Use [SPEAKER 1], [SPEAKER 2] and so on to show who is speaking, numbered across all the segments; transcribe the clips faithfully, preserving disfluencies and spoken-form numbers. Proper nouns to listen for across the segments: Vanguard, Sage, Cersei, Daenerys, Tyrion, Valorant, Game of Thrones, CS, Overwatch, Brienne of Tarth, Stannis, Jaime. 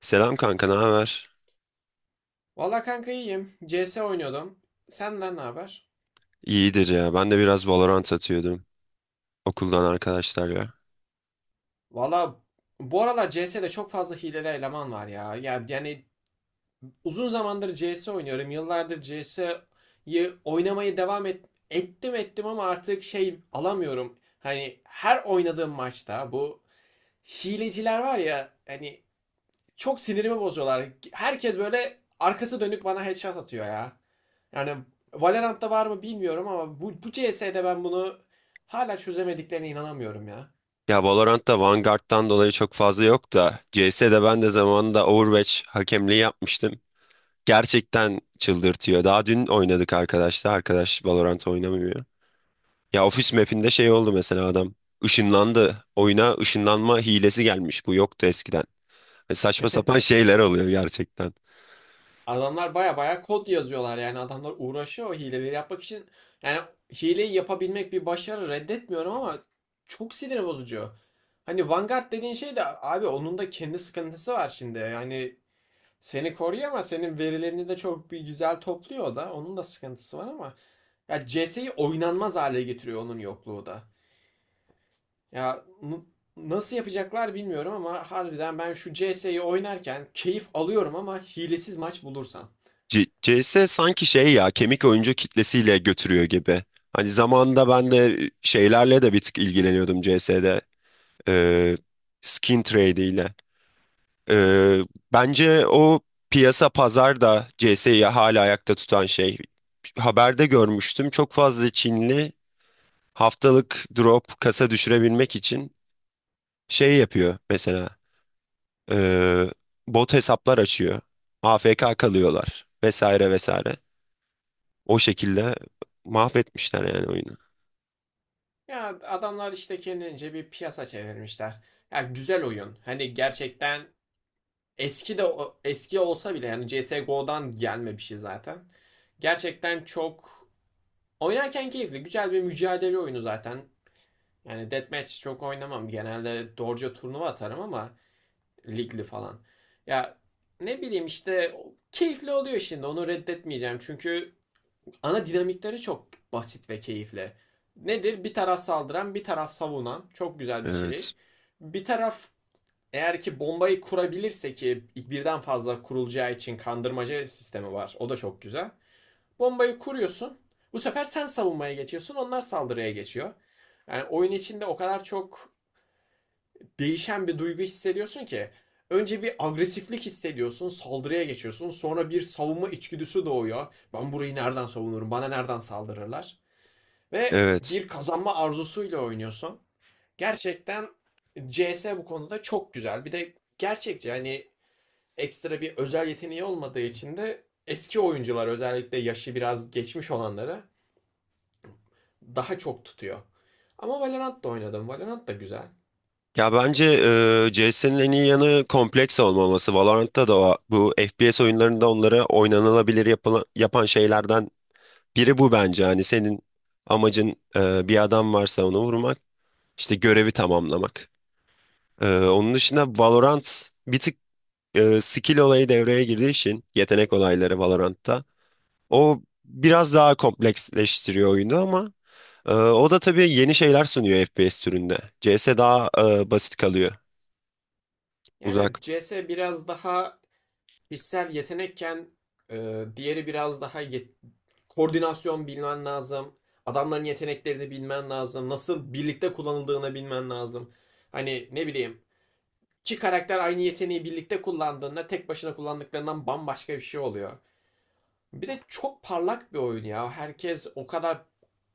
[SPEAKER 1] Selam kanka, ne haber?
[SPEAKER 2] Valla kanka iyiyim. C S oynuyordum. Senden ne haber?
[SPEAKER 1] İyidir ya. Ben de biraz Valorant atıyordum okuldan arkadaşlarla.
[SPEAKER 2] Valla bu aralar C S'de çok fazla hileli eleman var ya. Ya yani uzun zamandır C S oynuyorum. Yıllardır C S'yi oynamayı devam et, ettim ettim ama artık şey alamıyorum. Hani her oynadığım maçta bu hileciler var ya hani çok sinirimi bozuyorlar. Herkes böyle arkası dönük bana headshot atıyor ya. Yani Valorant'ta var mı bilmiyorum ama bu, bu C S'de ben bunu hala çözemediklerine inanamıyorum ya.
[SPEAKER 1] Ya Valorant'ta Vanguard'dan dolayı çok fazla yok da C S'de ben de zamanında Overwatch hakemliği yapmıştım. Gerçekten çıldırtıyor. Daha dün oynadık arkadaşlar. Arkadaş Valorant oynamıyor. Ya ofis map'inde şey oldu mesela adam ışınlandı. Oyuna ışınlanma hilesi gelmiş. Bu yoktu eskiden. E, saçma sapan şeyler oluyor gerçekten.
[SPEAKER 2] Adamlar baya baya kod yazıyorlar, yani adamlar uğraşıyor o hileleri yapmak için. Yani hileyi yapabilmek bir başarı, reddetmiyorum ama çok sinir bozucu. Hani Vanguard dediğin şey de abi, onun da kendi sıkıntısı var şimdi. Yani seni koruyor ama senin verilerini de çok bir güzel topluyor o da. Onun da sıkıntısı var ama. Ya C S'yi oynanmaz hale getiriyor onun yokluğu da. Ya nasıl yapacaklar bilmiyorum ama harbiden ben şu C S'yi oynarken keyif alıyorum, ama hilesiz maç bulursam.
[SPEAKER 1] C- CS sanki şey ya kemik oyuncu kitlesiyle götürüyor gibi. Hani zamanında ben de e, şeylerle de bir tık ilgileniyordum C CS'de. Ee, skin trade. Ee, Bence o piyasa pazar da C S'yi hala ayakta tutan şey. Haberde görmüştüm çok fazla Çinli haftalık drop kasa düşürebilmek için şey yapıyor mesela ee, bot hesaplar açıyor. A F K kalıyorlar vesaire vesaire. O şekilde mahvetmişler yani oyunu.
[SPEAKER 2] Ya adamlar işte kendince bir piyasa çevirmişler. Ya güzel oyun. Hani gerçekten eski de eski olsa bile, yani C S go'dan gelme bir şey zaten. Gerçekten çok oynarken keyifli. Güzel bir mücadele oyunu zaten. Yani deathmatch çok oynamam. Genelde doğruca turnuva atarım, ama ligli falan. Ya ne bileyim işte, keyifli oluyor şimdi. Onu reddetmeyeceğim. Çünkü ana dinamikleri çok basit ve keyifli. Nedir? Bir taraf saldıran, bir taraf savunan. Çok güzel bir şey.
[SPEAKER 1] Evet.
[SPEAKER 2] Bir taraf eğer ki bombayı kurabilirse, ki birden fazla kurulacağı için kandırmaca sistemi var. O da çok güzel. Bombayı kuruyorsun. Bu sefer sen savunmaya geçiyorsun. Onlar saldırıya geçiyor. Yani oyun içinde o kadar çok değişen bir duygu hissediyorsun ki. Önce bir agresiflik hissediyorsun, saldırıya geçiyorsun. Sonra bir savunma içgüdüsü doğuyor. Ben burayı nereden savunurum? Bana nereden saldırırlar? Ve
[SPEAKER 1] Evet.
[SPEAKER 2] bir kazanma arzusuyla oynuyorsun. Gerçekten C S bu konuda çok güzel. Bir de gerçekçi, hani ekstra bir özel yeteneği olmadığı için de eski oyuncular, özellikle yaşı biraz geçmiş olanlara daha çok tutuyor. Ama Valorant da oynadım. Valorant da güzel.
[SPEAKER 1] Ya bence eee C S'nin en iyi yanı kompleks olmaması. Valorant'ta da o- bu F P S oyunlarında onları oynanılabilir yapıla- yapan şeylerden biri bu bence. Hani senin amacın eee, bir adam varsa onu vurmak, işte görevi tamamlamak. Eee, onun dışında Valorant bir tık eee, skill olayı devreye girdiği için yetenek olayları Valorant'ta. O biraz daha kompleksleştiriyor oyunu ama eee, o da tabii yeni şeyler sunuyor F P S türünde. C S daha eee, basit kalıyor.
[SPEAKER 2] Yani
[SPEAKER 1] Uzak.
[SPEAKER 2] C S biraz daha kişisel yetenekken, e, diğeri biraz daha yet- koordinasyon bilmen lazım. Adamların yeteneklerini bilmen lazım. Nasıl birlikte kullanıldığını bilmen lazım. Hani ne bileyim, iki karakter aynı yeteneği birlikte kullandığında tek başına kullandıklarından bambaşka bir şey oluyor. Bir de çok parlak bir oyun ya. Herkes o kadar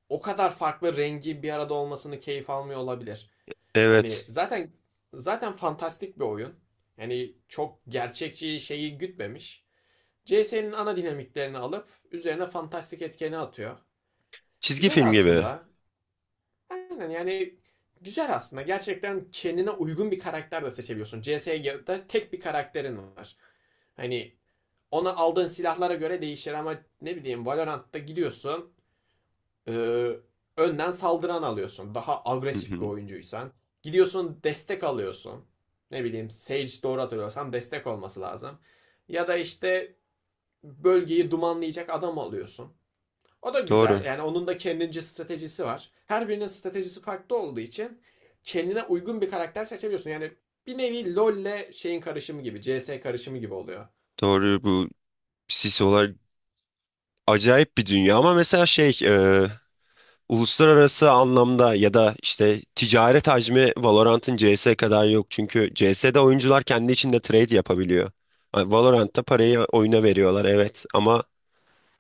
[SPEAKER 2] o kadar farklı rengi bir arada olmasını keyif almıyor olabilir.
[SPEAKER 1] Evet.
[SPEAKER 2] Hani zaten zaten fantastik bir oyun. Yani çok gerçekçi şeyi gütmemiş. C S'nin ana dinamiklerini alıp üzerine fantastik etkeni atıyor.
[SPEAKER 1] Çizgi
[SPEAKER 2] Güzel
[SPEAKER 1] film gibi.
[SPEAKER 2] aslında. Aynen, yani güzel aslında. Gerçekten kendine uygun bir karakter de seçebiliyorsun. C S'de tek bir karakterin var. Hani ona aldığın silahlara göre değişir ama ne bileyim, Valorant'ta gidiyorsun. Ee, önden saldıran alıyorsun. Daha
[SPEAKER 1] Hı
[SPEAKER 2] agresif bir
[SPEAKER 1] hı.
[SPEAKER 2] oyuncuysan. Gidiyorsun, destek alıyorsun. Ne bileyim, Sage, doğru hatırlıyorsam destek olması lazım. Ya da işte bölgeyi dumanlayacak adam alıyorsun. O da
[SPEAKER 1] Doğru.
[SPEAKER 2] güzel. Yani onun da kendince stratejisi var. Her birinin stratejisi farklı olduğu için kendine uygun bir karakter seçebiliyorsun. Yani bir nevi LoL'le şeyin karışımı gibi, C S karışımı gibi oluyor.
[SPEAKER 1] Doğru bu Sisolar acayip bir dünya ama mesela şey e, uluslararası anlamda ya da işte ticaret hacmi Valorant'ın C S kadar yok. Çünkü C S'de oyuncular kendi içinde trade yapabiliyor. Hani Valorant'ta parayı oyuna veriyorlar evet ama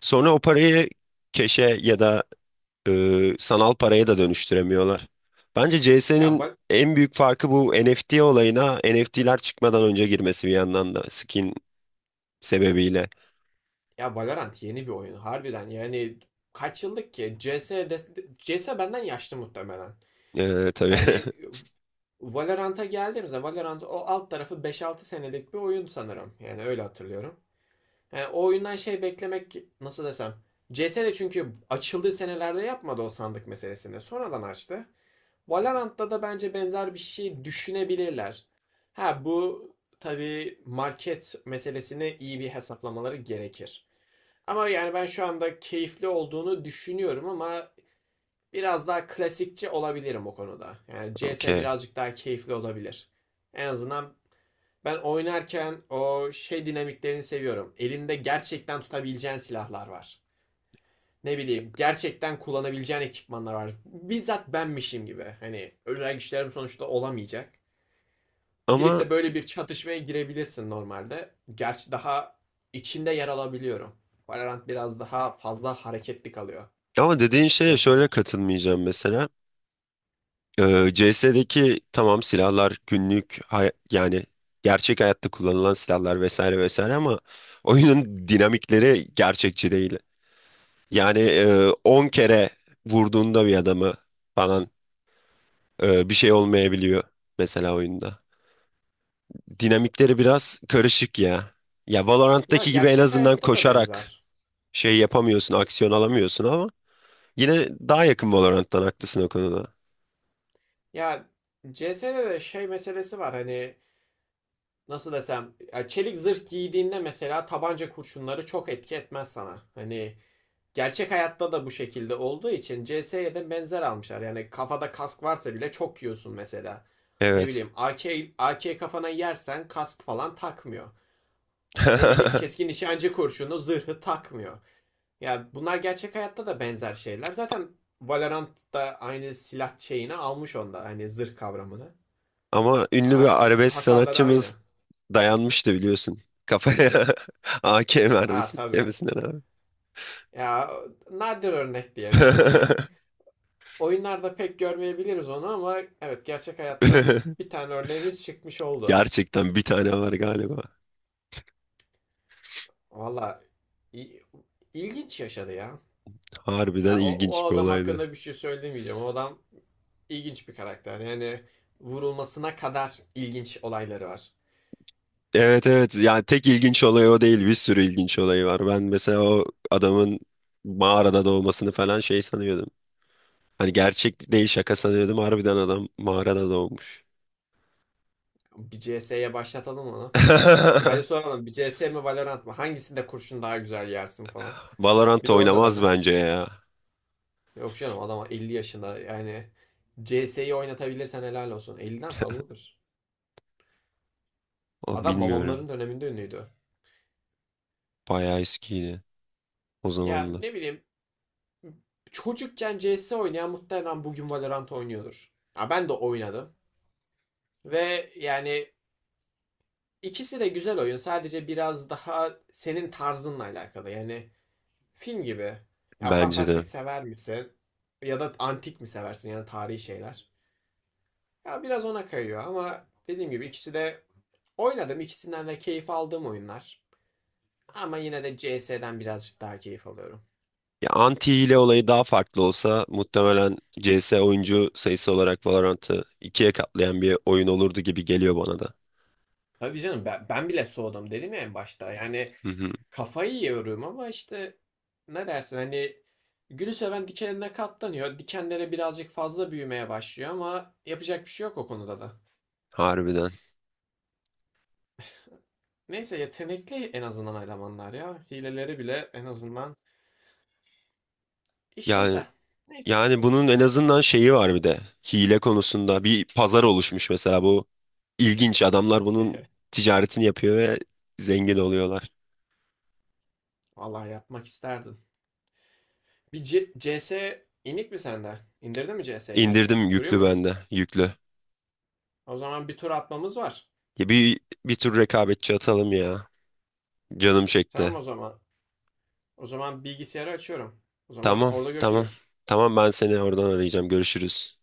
[SPEAKER 1] sonra o parayı keşe ya da e, sanal paraya da dönüştüremiyorlar. Bence
[SPEAKER 2] Ya
[SPEAKER 1] C S'nin
[SPEAKER 2] Va-
[SPEAKER 1] en büyük farkı bu N F T olayına N F T'ler çıkmadan önce girmesi bir yandan da skin sebebiyle.
[SPEAKER 2] Ya Valorant yeni bir oyun harbiden, yani kaç yıllık ki? C S, de, C S benden yaşlı muhtemelen.
[SPEAKER 1] Ee, tabii.
[SPEAKER 2] Yani Valorant'a geldiğimizde, Valorant o alt tarafı beş altı senelik bir oyun sanırım. Yani öyle hatırlıyorum. Yani o oyundan şey beklemek, nasıl desem. C S de çünkü açıldığı senelerde yapmadı o sandık meselesini. Sonradan açtı. Valorant'ta da bence benzer bir şey düşünebilirler. Ha, bu tabii market meselesini iyi bir hesaplamaları gerekir. Ama yani ben şu anda keyifli olduğunu düşünüyorum, ama biraz daha klasikçi olabilirim o konuda. Yani C S
[SPEAKER 1] Okey.
[SPEAKER 2] birazcık daha keyifli olabilir. En azından ben oynarken o şey dinamiklerini seviyorum. Elinde gerçekten tutabileceğin silahlar var. Ne bileyim, gerçekten kullanabileceğin ekipmanlar var. Bizzat benmişim gibi. Hani özel güçlerim sonuçta olamayacak. Girip
[SPEAKER 1] Ama
[SPEAKER 2] de böyle bir çatışmaya girebilirsin normalde. Gerçi daha içinde yer alabiliyorum. Valorant biraz daha fazla hareketli kalıyor.
[SPEAKER 1] ama dediğin şeye
[SPEAKER 2] Ve
[SPEAKER 1] şöyle
[SPEAKER 2] süper.
[SPEAKER 1] katılmayacağım mesela. Ee, C S'deki tamam silahlar günlük hay- yani gerçek hayatta kullanılan silahlar vesaire vesaire ama oyunun dinamikleri gerçekçi değil. Yani e, on kere vurduğunda bir adamı falan e, bir şey olmayabiliyor mesela oyunda. Dinamikleri biraz karışık ya. Ya
[SPEAKER 2] Ya
[SPEAKER 1] Valorant'taki gibi en
[SPEAKER 2] gerçek
[SPEAKER 1] azından
[SPEAKER 2] hayatta da
[SPEAKER 1] koşarak
[SPEAKER 2] benzer.
[SPEAKER 1] şey yapamıyorsun, aksiyon alamıyorsun ama yine daha yakın Valorant'tan haklısın o konuda.
[SPEAKER 2] Ya C S'de de şey meselesi var, hani nasıl desem ya, çelik zırh giydiğinde mesela tabanca kurşunları çok etki etmez sana. Hani gerçek hayatta da bu şekilde olduğu için C S'ye de benzer almışlar. Yani kafada kask varsa bile çok yiyorsun mesela. Ne
[SPEAKER 1] Evet.
[SPEAKER 2] bileyim, A K, A K kafana yersen kask falan takmıyor. Ne bileyim, keskin nişancı kurşunu zırhı takmıyor. Ya bunlar gerçek hayatta da benzer şeyler. Zaten Valorant da aynı silah şeyini almış onda. Hani zırh kavramını.
[SPEAKER 1] Ama ünlü
[SPEAKER 2] A-
[SPEAKER 1] bir arabesk
[SPEAKER 2] Hasarları
[SPEAKER 1] sanatçımız
[SPEAKER 2] aynı.
[SPEAKER 1] dayanmıştı biliyorsun. Kafaya A K
[SPEAKER 2] Aa,
[SPEAKER 1] vermesin,
[SPEAKER 2] tabii.
[SPEAKER 1] yemesinden abi.
[SPEAKER 2] Ya nadir örnek diyelim. Hani oyunlarda pek görmeyebiliriz onu, ama evet, gerçek hayatta bir tane örneğimiz çıkmış oldu.
[SPEAKER 1] Gerçekten bir tane var galiba.
[SPEAKER 2] Valla i- ilginç yaşadı ya.
[SPEAKER 1] Harbiden
[SPEAKER 2] Ya o, o
[SPEAKER 1] ilginç bir
[SPEAKER 2] adam
[SPEAKER 1] olaydı.
[SPEAKER 2] hakkında bir şey söylemeyeceğim. O adam ilginç bir karakter. Yani vurulmasına kadar ilginç olayları var.
[SPEAKER 1] Evet evet yani tek ilginç olay o değil bir sürü ilginç olayı var. Ben mesela o adamın mağarada doğmasını falan şey sanıyordum. Hani gerçek değil şaka sanıyordum harbiden adam mağarada doğmuş.
[SPEAKER 2] Bir C S'ye başlatalım onu. Hadi soralım, bir C S mi Valorant mı? Hangisinde kurşun daha güzel yersin falan.
[SPEAKER 1] Valorant
[SPEAKER 2] Bir de orada
[SPEAKER 1] oynamaz
[SPEAKER 2] dene.
[SPEAKER 1] bence ya.
[SPEAKER 2] Yok canım, adam elli yaşında, yani C CS'yi oynatabilirsen helal olsun. Elli'den fazladır.
[SPEAKER 1] O
[SPEAKER 2] Adam
[SPEAKER 1] bilmiyorum.
[SPEAKER 2] babamların döneminde ünlüydü.
[SPEAKER 1] Bayağı eskiydi o
[SPEAKER 2] Ya
[SPEAKER 1] zamanla.
[SPEAKER 2] ne bileyim, çocukken C S oynayan muhtemelen bugün Valorant oynuyordur. Ya ben de oynadım. Ve yani ikisi de güzel oyun. Sadece biraz daha senin tarzınla alakalı. Yani film gibi. Ya
[SPEAKER 1] Bence
[SPEAKER 2] fantastik
[SPEAKER 1] de.
[SPEAKER 2] sever misin? Ya da antik mi seversin, yani tarihi şeyler? Ya biraz ona kayıyor, ama dediğim gibi ikisi de oynadım. İkisinden de keyif aldığım oyunlar. Ama yine de C S'den birazcık daha keyif alıyorum.
[SPEAKER 1] Ya anti hile olayı daha farklı olsa muhtemelen C S oyuncu sayısı olarak Valorant'ı ikiye katlayan bir oyun olurdu gibi geliyor bana da.
[SPEAKER 2] Tabii canım, ben, ben bile soğudum, dedim ya en başta. Yani
[SPEAKER 1] Hı hı.
[SPEAKER 2] kafayı yiyorum ama işte ne dersin, hani gülü seven dikenine katlanıyor. Dikenlere birazcık fazla büyümeye başlıyor, ama yapacak bir şey yok o konuda da.
[SPEAKER 1] Harbiden.
[SPEAKER 2] Neyse, yetenekli en azından elemanlar ya. Hileleri bile en azından
[SPEAKER 1] Yani
[SPEAKER 2] işlevsel. Neyse.
[SPEAKER 1] Yani bunun en azından şeyi var bir de. Hile konusunda bir pazar oluşmuş mesela bu ilginç. Adamlar bunun ticaretini yapıyor ve zengin oluyorlar.
[SPEAKER 2] Vallahi yapmak isterdim. Bir C- CS inik mi sende? İndirdin mi C CS'yi?
[SPEAKER 1] İndirdim
[SPEAKER 2] Duruyor
[SPEAKER 1] yüklü
[SPEAKER 2] mu?
[SPEAKER 1] bende, yüklü.
[SPEAKER 2] O zaman bir tur atmamız var.
[SPEAKER 1] Ya bir bir tür rekabetçi atalım ya. Canım
[SPEAKER 2] Tamam
[SPEAKER 1] çekti.
[SPEAKER 2] o zaman. O zaman bilgisayarı açıyorum. O zaman
[SPEAKER 1] Tamam,
[SPEAKER 2] orada
[SPEAKER 1] tamam.
[SPEAKER 2] görüşürüz.
[SPEAKER 1] Tamam ben seni oradan arayacağım. Görüşürüz.